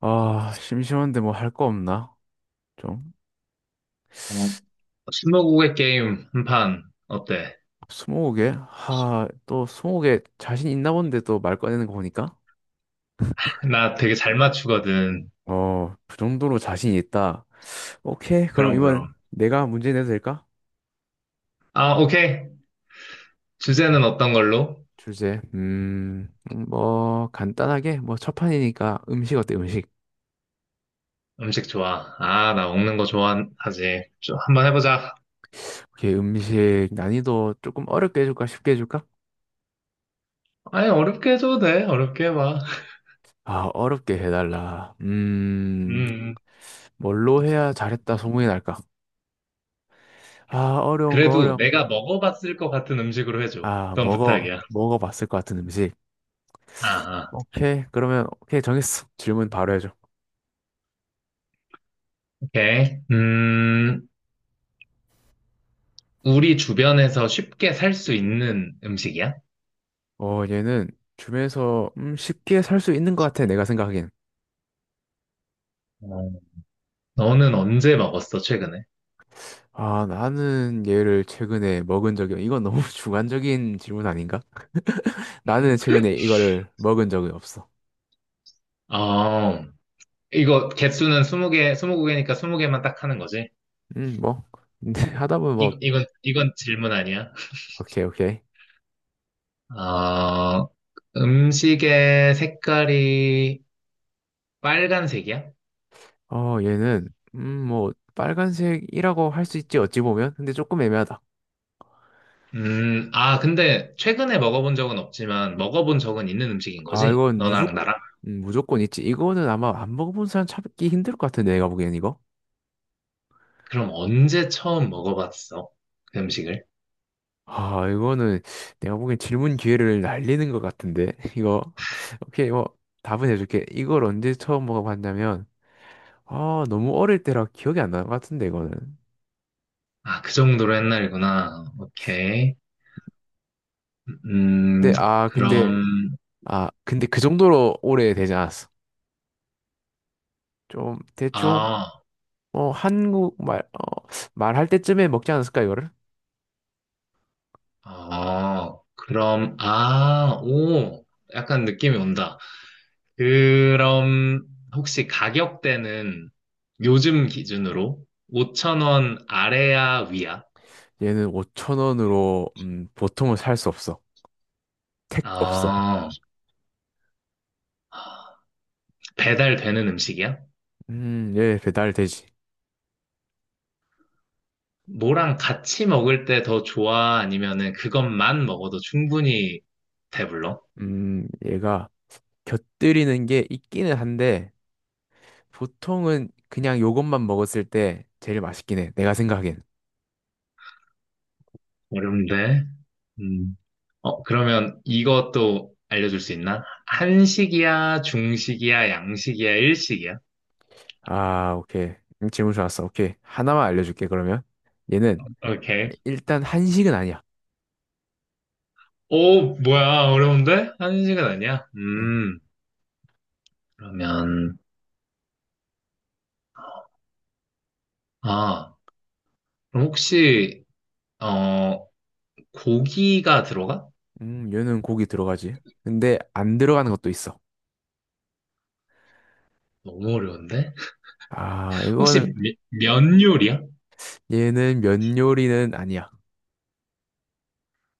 아, 심심한데 뭐 할 거 없나? 좀. 어, 스무고개 게임 한 판 어때? 스무고개? 하, 또 스무고개 자신 있나 본데 또 말 꺼내는 거 보니까. 나 되게 잘 맞추거든. 어, 그 정도로 자신 있다. 오케이, 그럼 그럼, 그럼. 이번 내가 문제 내도 될까? 아, 오케이. 주제는 아, 어떤 걸로? 주제, 뭐 간단하게 뭐 첫 판이니까 음식 어때? 음식. 음식 좋아. 아, 나 먹는 거 좋아하지. 좀 한번 해보자. 오케이, 음식 난이도 조금 어렵게 해줄까? 쉽게 해줄까? 아니, 어렵게 해줘도 돼. 어렵게 해봐. 아, 어렵게 해달라. 음, 음. 뭘로 해야 잘했다 소문이 날까? 아, 어려운 거 그래도 어려워. 내가 먹어봤을 것 같은 음식으로 해줘. 아, 그건 부탁이야. 먹어봤을 것 같은 음식. 아, 아, 오케이. 그러면, 오케이. 정했어. 질문 바로 해줘. 오케이. 우리 주변에서 쉽게 살 수 있는 음식이야? 어, 얘는 주변에서, 쉽게 살 수 있는 것 같아. 내가 생각하기엔. 어. 너는 언제 먹었어, 최근에? 아, 나는 얘를 최근에 먹은 적이, 이건 너무 주관적인 질문 아닌가? 나는 최근에 이걸 먹은 적이 없어. 아, 이거 개수는 20개, 20개니까 20개만 딱 하는 거지? 뭐. 근데 하다 보면, 이, 뭐, 이건, 이건 질문 아니야? 오케이, 오케이. 어, 음식의 색깔이 빨간색이야? 어, 얘는, 뭐, 빨간색이라고 할 수 있지, 어찌 보면. 근데 조금 애매하다. 아, 근데 최근에 먹어본 적은 없지만 먹어본 적은 있는 음식인 아, 거지? 이건 너랑 무조건, 나랑? 무조건 있지. 이거는 아마 안 먹어본 사람 찾기 힘들 것 같은데, 내가 보기엔 이거. 그럼 언제 처음 먹어봤어? 그 음식을? 아, 이거는 내가 보기엔 질문 기회를 날리는 것 같은데, 이거. 오케이, 뭐, 답은 해줄게. 이걸 언제 처음 먹어봤냐면, 아, 너무 어릴 때라 기억이 안 나는 것 같은데, 이거는. 아, 그 정도로 옛날이구나. 오케이. 음, 근데, 아, 근데, 그럼, 근데 그 정도로 오래 되지 않았어. 좀, 대충, 아, 어, 한국 말, 어, 말할 때쯤에 먹지 않았을까, 이거를? 아, 그럼, 아, 오, 약간 느낌이 온다. 그럼 혹시 가격대는 요즘 기준으로 5천 원 아래야 위야? 얘는 5천 원으로, 보통은 살 수 없어. 택 없어. 아, 배달되는 음식이야? 예, 배달되지. 뭐랑 같이 먹을 때 더 좋아? 아니면은 그것만 먹어도 충분히 배불러? 얘가 곁들이는 게 있기는 한데, 보통은 그냥 요것만 먹었을 때 제일 맛있긴 해. 내가 생각엔. 어려운데. 음. 그러면 이것도 알려줄 수 있나? 한식이야, 중식이야, 양식이야, 일식이야? 아, 오케이. 질문 좋았어. 오케이. 하나만 알려줄게, 그러면. 얘는 오케이. 일단 한식은 아니야. 오, 뭐야, 어려운데? 한식은 아니야? 음, 그러면. 아, 그럼 혹시, 어, 고기가 들어가? 얘는 고기 들어가지. 근데 안 들어가는 것도 있어. 너무 어려운데? 아, 혹시 이거는, 면 요리야? 얘는 면 요리는 아니야.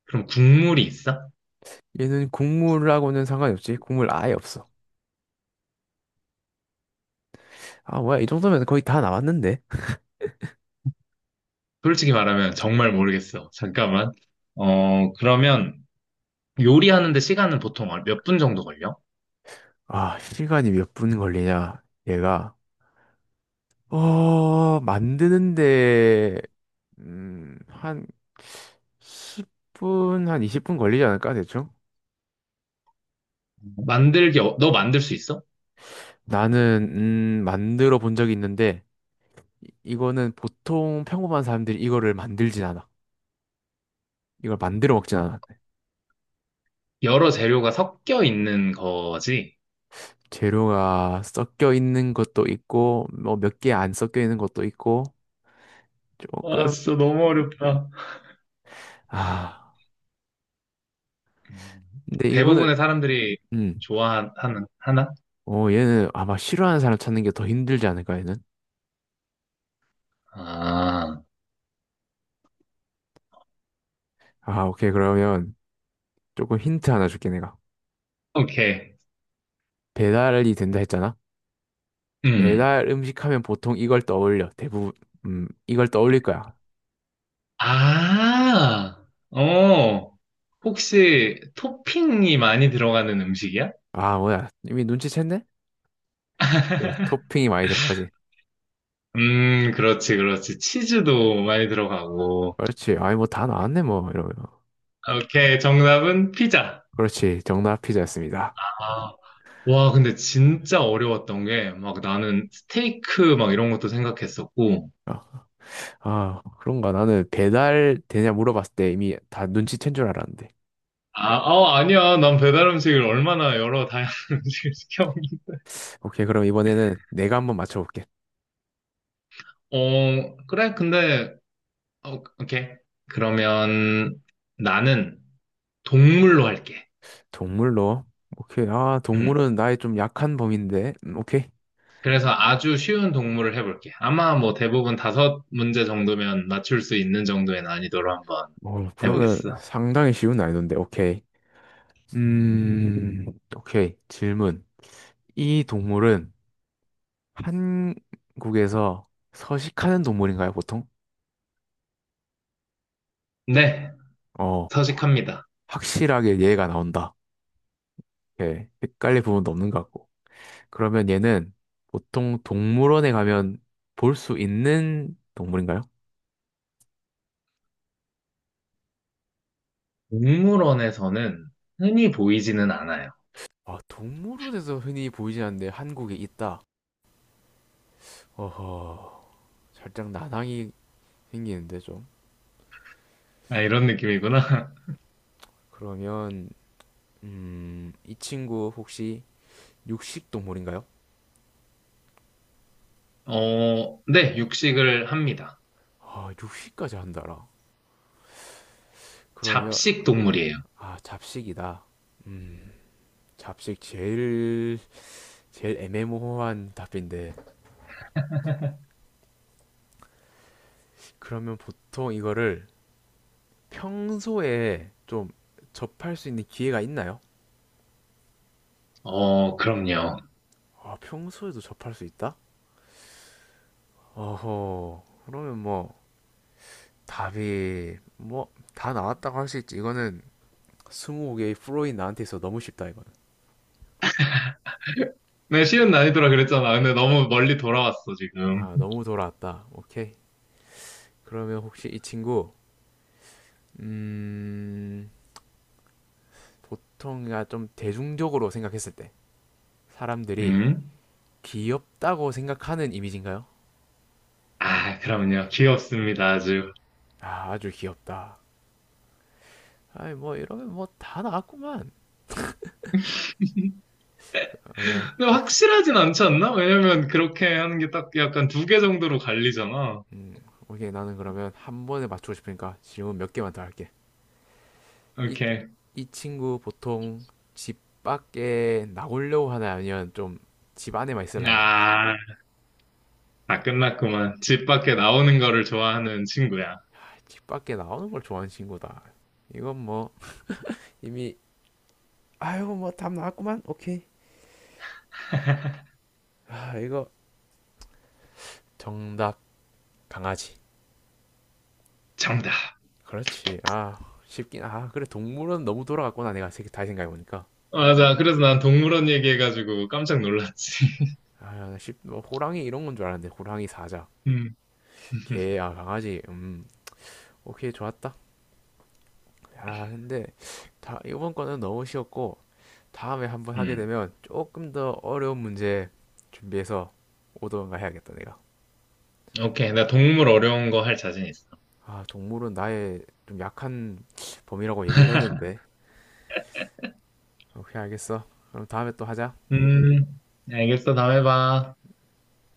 그럼 국물이 있어? 얘는 국물하고는 상관이 없지. 국물 아예 없어. 아, 뭐야. 이 정도면 거의 다 나왔는데. 솔직히 말하면 정말 모르겠어. 잠깐만. 그러면 요리하는데 시간은 보통 몇 분 정도 걸려? 아, 시간이 몇 분 걸리냐? 얘가, 어, 만드는데, 한 10분, 한 20분 걸리지 않을까 대충? 만들기, 너 만들 수 있어? 나는, 만들어 본 적이 있는데 이거는 보통 평범한 사람들이 이거를 만들진 않아. 이걸 만들어 먹진 않아. 여러 재료가 섞여 있는 거지? 재료가 섞여 있는 것도 있고 뭐 몇 개 안 섞여 있는 것도 있고 와, 조금. 진짜 너무 어렵다. 아, 음, 근데 이거는. 대부분의 사람들이 음. 좋아하는, 하나? 어, 얘는 아마 싫어하는 사람 찾는 게 더 힘들지 않을까, 얘는? 아, 아, 오케이. 그러면 조금 힌트 하나 줄게, 내가. 오케이. 배달이 된다 했잖아? 음. 배달 음식 하면 보통 이걸 떠올려. 대부분, 이걸 떠올릴 거야. 아, 어, 혹시 토핑이 많이 들어가는 음식이야? 아, 뭐야. 이미 눈치챘네? 네, 토핑이 많이 들어가지. 그렇지, 그렇지. 치즈도 많이 들어가고. 그렇지. 아니, 뭐 다 나왔네, 뭐. 이러면. 오케이, 정답은 피자. 그렇지. 정답 피자였습니다. 아, 와, 근데 진짜 어려웠던 게, 막 나는 스테이크 막 이런 것도 생각했었고. 어. 아, 그런가. 나는 배달 되냐 물어봤을 때 이미 다 눈치챈 줄 알았는데. 아니야. 난 배달 음식을 얼마나 여러 다양한 음식을 시켜 먹는 오케이. 그럼 이번에는 내가 한번 맞춰볼게. 그래, 근데, 오케이. 그러면 나는 동물로 할게. 동물로. 오케이. 아, 음. 동물은 나의 좀 약한 범인데. 오케이. 그래서 아주 쉬운 동물을 해볼게. 아마 뭐 대부분 다섯 문제 정도면 맞출 수 있는 정도의 난이도로 한번 어, 그러면 해보겠어. 상당히 쉬운 난이도인데, 오케이. 음, 오케이. 질문. 이 동물은 한국에서 서식하는 동물인가요, 보통? 네, 어, 서식합니다. 확실하게 얘가 나온다. 오케이. 헷갈릴 부분도 없는 것 같고. 그러면 얘는 보통 동물원에 가면 볼 수 있는 동물인가요? 동물원에서는 흔히 보이지는 않아요. 아, 동물원에서 흔히 보이진 않는데 한국에 있다. 어허, 살짝 난항이 생기는데 좀. 아, 이런 느낌이구나. 그러면, 이 친구 혹시 육식 동물인가요? 어, 네, 육식을 합니다. 아, 육식까지 한다라. 그러면, 잡식 동물이에요. 아, 잡식이다. 잡식 제일 애매모호한 답인데, 그러면 보통 이거를 평소에 좀 접할 수 있는 기회가 있나요? 어, 그럼요. 아, 평소에도 접할 수 있다? 어허, 그러면 뭐 답이 뭐 다 나왔다고 할 수 있지. 이거는, 스무 개의 프로인 나한테 있어 너무 쉽다. 이거는, 네, 쉬운 난이도라 그랬잖아. 근데 너무 멀리 돌아왔어, 지금. 아, 너무 돌아왔다. 오케이. 그러면 혹시 이 친구, 음, 보통 그러니까 좀 대중적으로 생각했을 때 사람들이 음? 귀엽다고 생각하는 이미지인가요? 아, 그럼요. 귀엽습니다, 아주. 아, 아주 귀엽다. 아이 뭐 이러면 뭐 다 나왔구만. 어, 야, 근데 어, 확실하진 않지 않나? 왜냐면 그렇게 하는 게 딱 약간 두 개 정도로 갈리잖아. 음, 오케이. 나는 그러면 한 번에 맞추고 싶으니까 질문 몇 개만 더 할게. 이, 이렇게. 이 친구 보통 집 밖에 나오려고 하나요? 아니면 좀 집 안에만 있으려 하나요? 아, 다 끝났구만. 집 밖에 나오는 거를 좋아하는 친구야. 아, 집 밖에 나오는 걸 좋아하는 친구다. 이건 뭐 이미, 아이고 뭐 답 나왔구만. 오케이. 아, 이거 정답 강아지. 정답. 그렇지. 아, 쉽긴. 아, 그래. 동물은 너무 돌아갔구나, 내가 다시 생각해 보니까. 맞아. 그래서 난 동물원 얘기해가지고 깜짝 놀랐지. 아쉽뭐 호랑이 이런 건 줄 알았는데, 호랑이, 사자, 음, 개, 아, 강아지. 음, 오케이. 좋았다. 아, 근데 다 이번 거는 너무 쉬웠고, 다음에 한번 하게 음. 되면 조금 더 어려운 문제 준비해서 오던가 해야겠다, 내가. 오케이. 나 동물 어려운 거 할 자신 있어. 아, 동물은 나의 좀 약한 범위라고 얘기를 했는데, 오케이, 알겠어. 그럼 다음에 또 하자. 음, 알겠어. 다음에 봐.